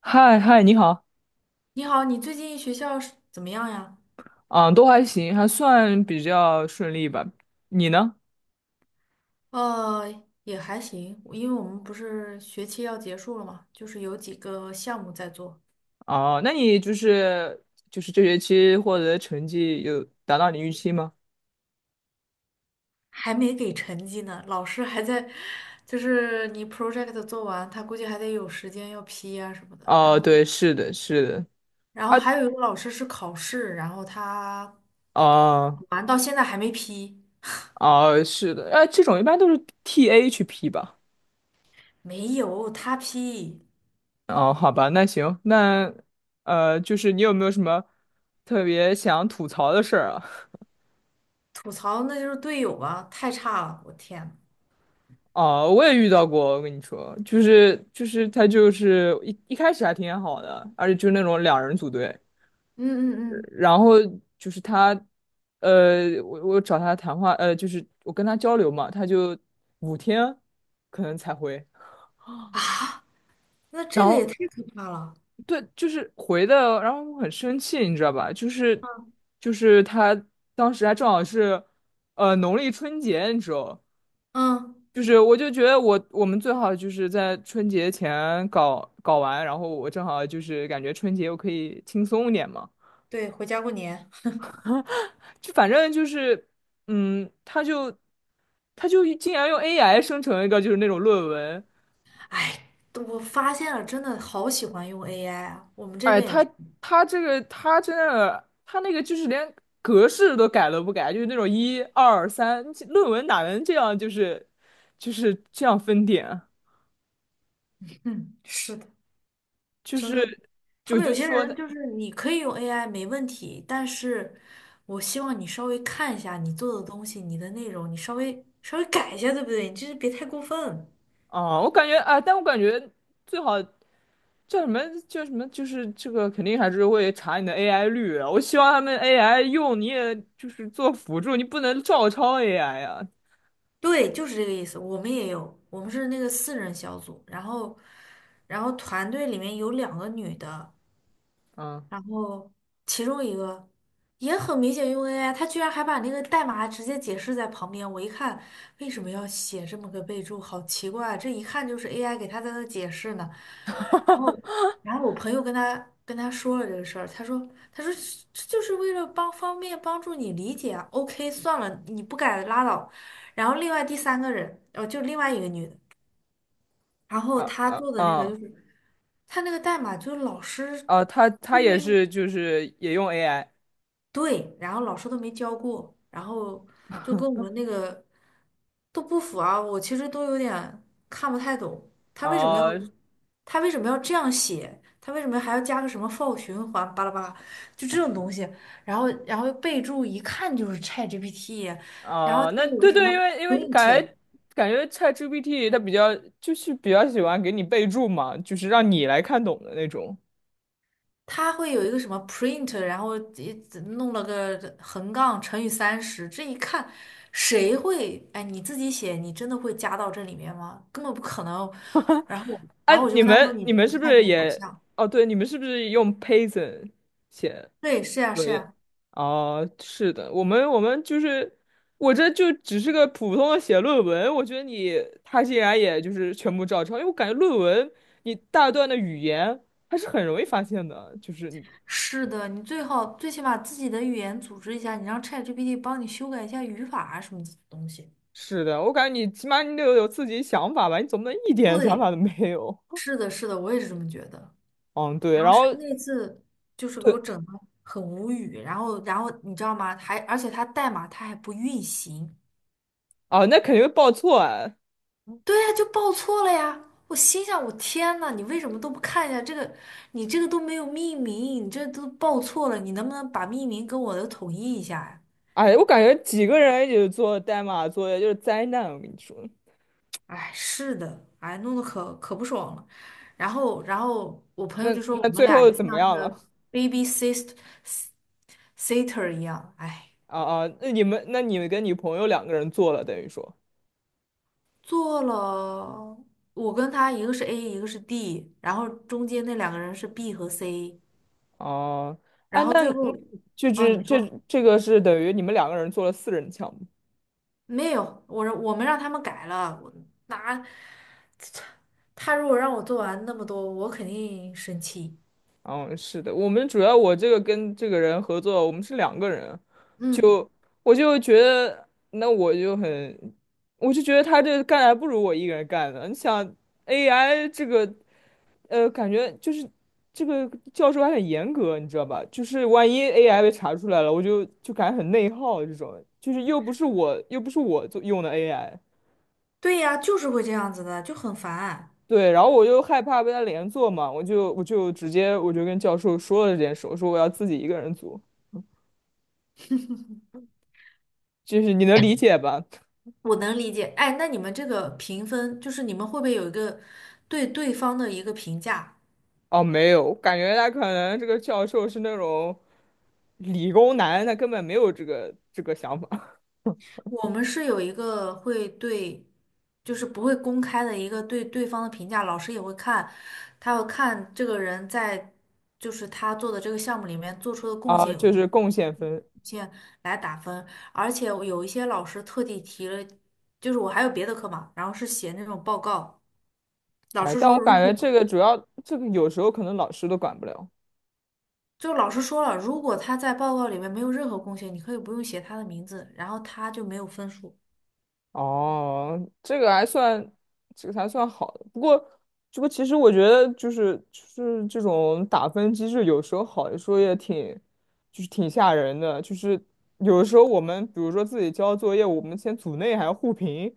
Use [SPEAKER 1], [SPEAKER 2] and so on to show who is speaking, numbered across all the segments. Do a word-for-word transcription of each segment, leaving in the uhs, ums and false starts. [SPEAKER 1] 嗨嗨，你好，
[SPEAKER 2] 你好，你最近学校是怎么样呀？
[SPEAKER 1] 嗯，都还行，还算比较顺利吧。你呢？
[SPEAKER 2] 呃，也还行，因为我们不是学期要结束了嘛，就是有几个项目在做。
[SPEAKER 1] 哦，那你就是就是这学期获得的成绩有达到你预期吗？
[SPEAKER 2] 还没给成绩呢，老师还在，就是你 project 做完，他估计还得有时间要批啊什么的。然
[SPEAKER 1] 哦，
[SPEAKER 2] 后，
[SPEAKER 1] 对，是的，是的，
[SPEAKER 2] 然后
[SPEAKER 1] 啊，
[SPEAKER 2] 还有一个老师是考试，然后他
[SPEAKER 1] 哦
[SPEAKER 2] 完到现在还没批，
[SPEAKER 1] 哦，是的，啊，这种一般都是 T A 去批吧。
[SPEAKER 2] 没有他批。
[SPEAKER 1] 哦，好吧，那行，那呃，就是你有没有什么特别想吐槽的事儿啊？
[SPEAKER 2] 吐槽那就是队友啊，太差了，我天呐。
[SPEAKER 1] 哦，我也遇到过，我跟你说，就是就是他就是一一开始还挺好的，而且就是那种两人组队。
[SPEAKER 2] 嗯嗯
[SPEAKER 1] 呃
[SPEAKER 2] 嗯
[SPEAKER 1] 然后就是他，呃，我我找他谈话，呃，就是我跟他交流嘛，他就五天可能才回，
[SPEAKER 2] 啊，那
[SPEAKER 1] 然
[SPEAKER 2] 这个也
[SPEAKER 1] 后
[SPEAKER 2] 太可怕了。
[SPEAKER 1] 对，就是回的，然后我很生气，你知道吧？就是就是他当时还正好是，呃，农历春节，你知道。
[SPEAKER 2] 嗯。
[SPEAKER 1] 就是我就觉得我我们最好就是在春节前搞搞完，然后我正好就是感觉春节我可以轻松一点嘛，
[SPEAKER 2] 对，回家过年。
[SPEAKER 1] 就反正就是，嗯，他就他就竟然用 A I 生成一个就是那种论文。
[SPEAKER 2] 哎，我发现了，真的好喜欢用 A I 啊！我们这
[SPEAKER 1] 哎，
[SPEAKER 2] 边也
[SPEAKER 1] 他
[SPEAKER 2] 是。
[SPEAKER 1] 他这个他真的他那个就是连格式都改都不改，就是那种一二三论文哪能这样就是就是这样分点啊。
[SPEAKER 2] 嗯，是的，
[SPEAKER 1] 就
[SPEAKER 2] 真
[SPEAKER 1] 是
[SPEAKER 2] 的。他
[SPEAKER 1] 就
[SPEAKER 2] 们
[SPEAKER 1] 就
[SPEAKER 2] 有些
[SPEAKER 1] 说
[SPEAKER 2] 人
[SPEAKER 1] 的。
[SPEAKER 2] 就是你可以用 A I 没问题，但是我希望你稍微看一下你做的东西，你的内容，你稍微稍微改一下，对不对？你就是别太过分。
[SPEAKER 1] 哦，我感觉啊，但我感觉最好叫什么？叫什么？就是这个肯定还是会查你的 A I 率啊。我希望他们 A I 用你也就是做辅助，你不能照抄 AI 啊。
[SPEAKER 2] 对，就是这个意思。我们也有，我们是那个四人小组。然后，然后团队里面有两个女的，
[SPEAKER 1] 嗯
[SPEAKER 2] 然后其中一个也很明显用 A I，他居然还把那个代码直接解释在旁边。我一看，为什么要写这么个备注？好奇怪啊，这一看就是 A I 给他在那解释呢。然后，然后我朋友跟他跟他说了这个事儿，他说他说这就是为了帮方便帮助你理解啊。OK，算了，你不改拉倒。然后另外第三个人，哦，就另外一个女的，然后
[SPEAKER 1] 啊
[SPEAKER 2] 她
[SPEAKER 1] 啊
[SPEAKER 2] 做的那个就
[SPEAKER 1] 啊
[SPEAKER 2] 是她那个代码就是老师
[SPEAKER 1] 啊！他
[SPEAKER 2] 都
[SPEAKER 1] 他也
[SPEAKER 2] 没。
[SPEAKER 1] 是就是也用 A I。
[SPEAKER 2] 对，然后老师都没教过，然后就跟我们那个都不符啊。我其实都有点看不太懂，他为什么要
[SPEAKER 1] 哦
[SPEAKER 2] 他为什么要这样写，他为什么还要加个什么 for 循环巴拉巴拉，就这种东西。然后然后备注一看就是 ChatGPT，然后
[SPEAKER 1] 哦，
[SPEAKER 2] 他
[SPEAKER 1] 那
[SPEAKER 2] 有个
[SPEAKER 1] 对
[SPEAKER 2] 什么
[SPEAKER 1] 对，因为因为感
[SPEAKER 2] print。
[SPEAKER 1] 觉感觉 ChatGPT 它比较就是比较喜欢给你备注嘛，就是让你来看懂的那种。
[SPEAKER 2] 他会有一个什么 print，然后一弄了个横杠乘以三十。这一看，谁会？哎，你自己写，你真的会加到这里面吗？根本不可能。然后我
[SPEAKER 1] 哎、
[SPEAKER 2] 然后我就
[SPEAKER 1] 你
[SPEAKER 2] 跟他说，
[SPEAKER 1] 们
[SPEAKER 2] 你
[SPEAKER 1] 你
[SPEAKER 2] 这
[SPEAKER 1] 们
[SPEAKER 2] 个
[SPEAKER 1] 是不
[SPEAKER 2] 看起
[SPEAKER 1] 是
[SPEAKER 2] 来好
[SPEAKER 1] 也？
[SPEAKER 2] 像，
[SPEAKER 1] 哦，对，你们是不是用 Python 写？
[SPEAKER 2] 对，是呀，
[SPEAKER 1] 作
[SPEAKER 2] 是
[SPEAKER 1] 业
[SPEAKER 2] 呀。
[SPEAKER 1] 啊，是的，我们我们就是我这就只是个普通的写论文，我觉得你他竟然也就是全部照抄，因为我感觉论文你大段的语言还是很容易发现的，就是你。
[SPEAKER 2] 是的，你最好最起码自己的语言组织一下，你让 ChatGPT 帮你修改一下语法啊什么东西。
[SPEAKER 1] 是的，我感觉你起码你得有有自己想法吧，你总不能一点想法
[SPEAKER 2] 对，
[SPEAKER 1] 都没有。
[SPEAKER 2] 是的，是的，我也是这么觉得。
[SPEAKER 1] 嗯，对，
[SPEAKER 2] 然后
[SPEAKER 1] 然
[SPEAKER 2] 是
[SPEAKER 1] 后
[SPEAKER 2] 那次就是给我
[SPEAKER 1] 对
[SPEAKER 2] 整的很无语。然后然后你知道吗？还而且它代码它还不运行。
[SPEAKER 1] 啊，那肯定会报错啊。
[SPEAKER 2] 对呀，就报错了呀。我心想，我天呐，你为什么都不看一下这个？你这个都没有命名，你这都报错了，你能不能把命名跟我的统一一下呀？
[SPEAKER 1] 哎，我感觉几个人一起做代码作业就是灾难，我跟你说，
[SPEAKER 2] 哎，是的，哎，弄得可可不爽了。然后，然后我朋
[SPEAKER 1] 那
[SPEAKER 2] 友就说我
[SPEAKER 1] 那
[SPEAKER 2] 们
[SPEAKER 1] 最
[SPEAKER 2] 俩
[SPEAKER 1] 后
[SPEAKER 2] 就
[SPEAKER 1] 怎
[SPEAKER 2] 像
[SPEAKER 1] 么
[SPEAKER 2] 那
[SPEAKER 1] 样了？
[SPEAKER 2] 个 baby sister s i s t e r 一样，哎。
[SPEAKER 1] 啊啊，那你们，那你们跟你朋友两个人做了，等于说，
[SPEAKER 2] 做了，我跟他一个是 A，一个是 D，然后中间那两个人是 B 和 C，
[SPEAKER 1] 哦、啊哎，
[SPEAKER 2] 然后
[SPEAKER 1] 那
[SPEAKER 2] 最
[SPEAKER 1] 那
[SPEAKER 2] 后，
[SPEAKER 1] 就
[SPEAKER 2] 哦，
[SPEAKER 1] 是
[SPEAKER 2] 你
[SPEAKER 1] 这
[SPEAKER 2] 说
[SPEAKER 1] 这个是等于你们两个人做了四人项目。
[SPEAKER 2] 没有，我让我们让他们改了。我拿他如果让我做完那么多，我肯定生气。
[SPEAKER 1] 嗯，是的，我们主要我这个跟这个人合作，我们是两个人，
[SPEAKER 2] 嗯，
[SPEAKER 1] 就我就觉得，那我就很，我就觉得他这干还不如我一个人干呢。你想 A I 这个，呃，感觉就是这个教授还很严格，你知道吧？就是万一 A I 被查出来了，我就就感觉很内耗这种，就是又不是我又不是我做用的 A I。
[SPEAKER 2] 对呀，就是会这样子的，就很烦。
[SPEAKER 1] 对，然后我就害怕被他连坐嘛，我就我就直接我就跟教授说了这件事，我说我要自己一个人组，嗯就是你能理解吧？
[SPEAKER 2] 我能理解。哎，那你们这个评分，就是你们会不会有一个对对方的一个评价？
[SPEAKER 1] 哦，没有，感觉他可能这个教授是那种理工男，他根本没有这个这个想法
[SPEAKER 2] 我们是有一个会，对，就是不会公开的一个对对方的评价，老师也会看，他要看这个人在就是他做的这个项目里面做出的贡
[SPEAKER 1] 啊，
[SPEAKER 2] 献有
[SPEAKER 1] 就
[SPEAKER 2] 多。
[SPEAKER 1] 是贡献分。
[SPEAKER 2] 贡献来打分。而且我有一些老师特地提了，就是我还有别的课嘛，然后是写那种报告。老
[SPEAKER 1] 哎，
[SPEAKER 2] 师
[SPEAKER 1] 但
[SPEAKER 2] 说
[SPEAKER 1] 我
[SPEAKER 2] 如
[SPEAKER 1] 感
[SPEAKER 2] 果
[SPEAKER 1] 觉这个主要这个有时候可能老师都管不了。
[SPEAKER 2] 就老师说了，如果他在报告里面没有任何贡献，你可以不用写他的名字，然后他就没有分数
[SPEAKER 1] 哦，这个还算，这个还算好的。不过，这个其实我觉得就是就是这种打分机制，有时候好，的时候也挺，就是挺吓人的。就是有的时候我们比如说自己交作业，我们先组内还要互评。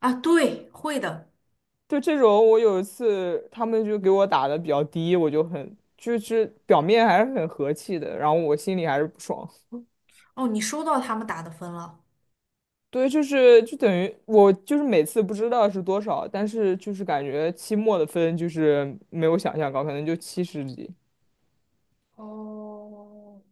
[SPEAKER 2] 啊。对，会的。
[SPEAKER 1] 就这种，我有一次他们就给我打的比较低，我就很就是表面还是很和气的，然后我心里还是不爽。
[SPEAKER 2] 哦，你收到他们打的分了。
[SPEAKER 1] 对，就是就等于我就是每次不知道是多少，但是就是感觉期末的分就是没有想象高，可能就七十几，
[SPEAKER 2] 哦，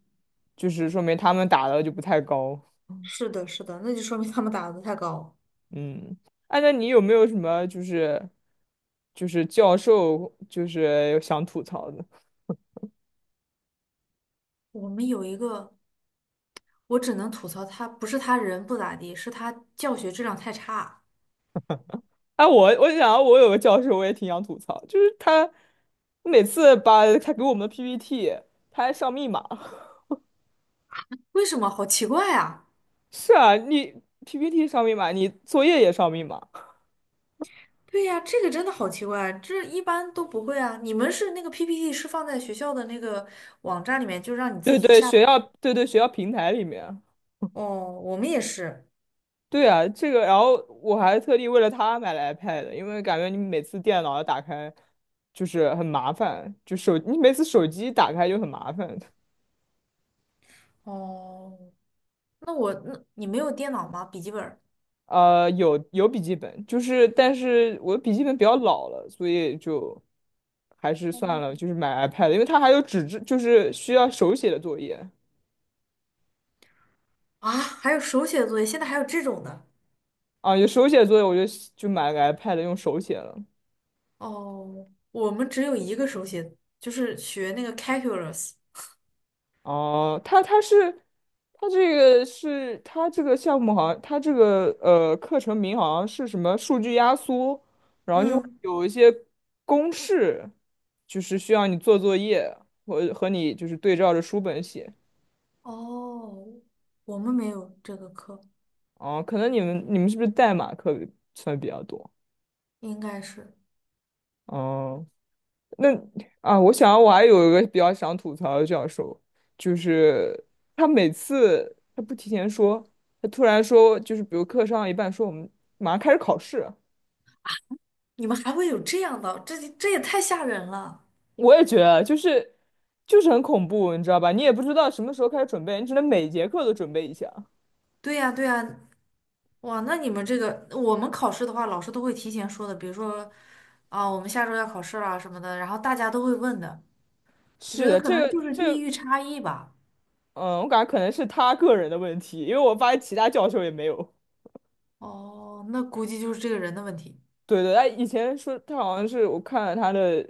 [SPEAKER 1] 就是说明他们打的就不太高。
[SPEAKER 2] 是的，是的，那就说明他们打的太高。
[SPEAKER 1] 嗯，哎，那你有没有什么就是就是教授就是想吐槽的？
[SPEAKER 2] 我们有一个，我只能吐槽他，不是他人不咋地，是他教学质量太差。
[SPEAKER 1] 哎，我我想我有个教授我也挺想吐槽，就是他每次把他给我们的 P P T，他还上密码。
[SPEAKER 2] 为什么？好奇怪啊！
[SPEAKER 1] 是啊，你 P P T 上密码，你作业也上密码。
[SPEAKER 2] 对呀，这个真的好奇怪，这一般都不会啊。你们是那个 P P T 是放在学校的那个网站里面，就让你自
[SPEAKER 1] 对
[SPEAKER 2] 己去
[SPEAKER 1] 对，
[SPEAKER 2] 下载。
[SPEAKER 1] 学校，对对，学校平台里面，
[SPEAKER 2] 哦，我们也是。
[SPEAKER 1] 对啊，这个，然后我还特地为了他买了 iPad，因为感觉你每次电脑要打开就是很麻烦，就手你每次手机打开就很麻烦。
[SPEAKER 2] 哦，那我那你没有电脑吗？笔记本儿。
[SPEAKER 1] 呃，有有笔记本，就是但是我的笔记本比较老了，所以就还是算了，就是买 iPad，因为它还有纸质，就是需要手写的作业
[SPEAKER 2] 啊，还有手写作业，现在还有这种的。
[SPEAKER 1] 啊，有手写作业，我就就买了个 iPad 用手写了。
[SPEAKER 2] 哦，我们只有一个手写，就是学那个 calculus。
[SPEAKER 1] 哦，他他是他这个是他这个项目好像他这个呃课程名好像是什么数据压缩，然后就
[SPEAKER 2] 嗯，
[SPEAKER 1] 有一些公式，就是需要你做作业和和你就是对照着书本写。
[SPEAKER 2] 哦，我们没有这个课。
[SPEAKER 1] 哦，可能你们你们是不是代码课算比较多？
[SPEAKER 2] 应该是。
[SPEAKER 1] 哦、那啊，我想我还有一个比较想吐槽的教授，就是他每次他不提前说，他突然说，就是比如课上到一半说我们马上开始考试，
[SPEAKER 2] 你们还会有这样的？这这也太吓人了。
[SPEAKER 1] 我也觉得就是就是很恐怖，你知道吧？你也不知道什么时候开始准备，你只能每节课都准备一下。
[SPEAKER 2] 对呀，对呀。哇，那你们这个，我们考试的话，老师都会提前说的，比如说，啊，我们下周要考试了什么的，然后大家都会问的。我觉
[SPEAKER 1] 是
[SPEAKER 2] 得
[SPEAKER 1] 的，
[SPEAKER 2] 可
[SPEAKER 1] 这
[SPEAKER 2] 能
[SPEAKER 1] 个
[SPEAKER 2] 就是
[SPEAKER 1] 这
[SPEAKER 2] 地
[SPEAKER 1] 个，
[SPEAKER 2] 域差异吧。
[SPEAKER 1] 嗯，我感觉可能是他个人的问题，因为我发现其他教授也没有。
[SPEAKER 2] 哦，那估计就是这个人的问题。
[SPEAKER 1] 对对，他以前说他好像是我看了他的，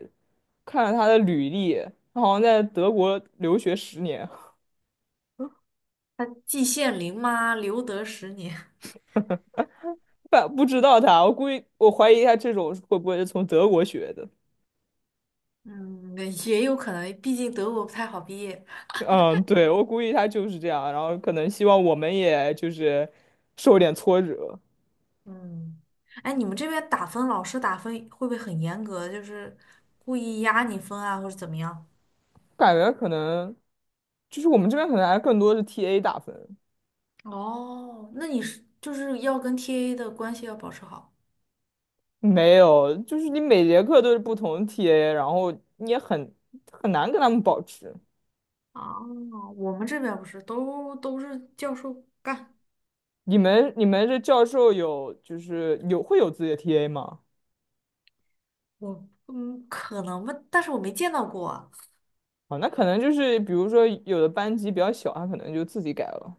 [SPEAKER 1] 看了他的履历，他好像在德国留学十年。
[SPEAKER 2] 他季羡林吗？留得十年。
[SPEAKER 1] 但不知道他，我估计我怀疑他这种会不会是从德国学的。
[SPEAKER 2] 嗯，也有可能，毕竟德国不太好毕业。
[SPEAKER 1] 嗯，对，我估计他就是这样，然后可能希望我们也就是受点挫折，
[SPEAKER 2] 嗯，哎，你们这边打分，老师打分会不会很严格？就是故意压你分啊，或者怎么样？
[SPEAKER 1] 感觉可能就是我们这边可能还更多是 T A 打分，
[SPEAKER 2] 哦，那你是就是要跟 T A 的关系要保持好
[SPEAKER 1] 没有，就是你每节课都是不同 T A，然后你也很很难跟他们保持。
[SPEAKER 2] 啊。我们这边不是都都是教授干。
[SPEAKER 1] 你们你们这教授有就是有会有自己的 T A 吗？
[SPEAKER 2] 我嗯可能吧，但是我没见到过啊。
[SPEAKER 1] 啊，那可能就是比如说有的班级比较小，他可能就自己改了。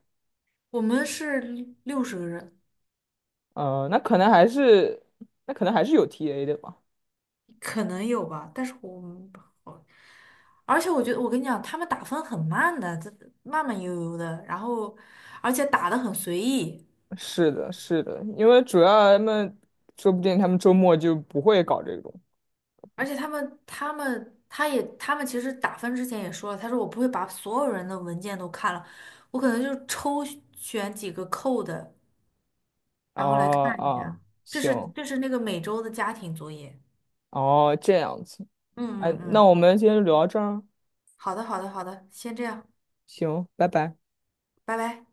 [SPEAKER 2] 我们是六十个人。
[SPEAKER 1] 呃，那可能还是那可能还是有 T A 的吧。
[SPEAKER 2] 可能有吧，但是我我，而且我觉得我跟你讲，他们打分很慢的，这慢慢悠悠的，然后而且打的很随意。
[SPEAKER 1] 是的，是的，因为主要他们说不定他们周末就不会搞这种。
[SPEAKER 2] 而且他们他们他也他们其实打分之前也说了，他说我不会把所有人的文件都看了，我可能就抽选几个扣的，
[SPEAKER 1] 哦
[SPEAKER 2] 然后来看一
[SPEAKER 1] 哦，
[SPEAKER 2] 下，这是
[SPEAKER 1] 行，
[SPEAKER 2] 这是那个每周的家庭作业。
[SPEAKER 1] 哦这样子，
[SPEAKER 2] 嗯
[SPEAKER 1] 哎，
[SPEAKER 2] 嗯
[SPEAKER 1] 那
[SPEAKER 2] 嗯，
[SPEAKER 1] 我们今天就聊到这儿，
[SPEAKER 2] 好的好的好的，先这样，
[SPEAKER 1] 行，拜拜。
[SPEAKER 2] 拜拜。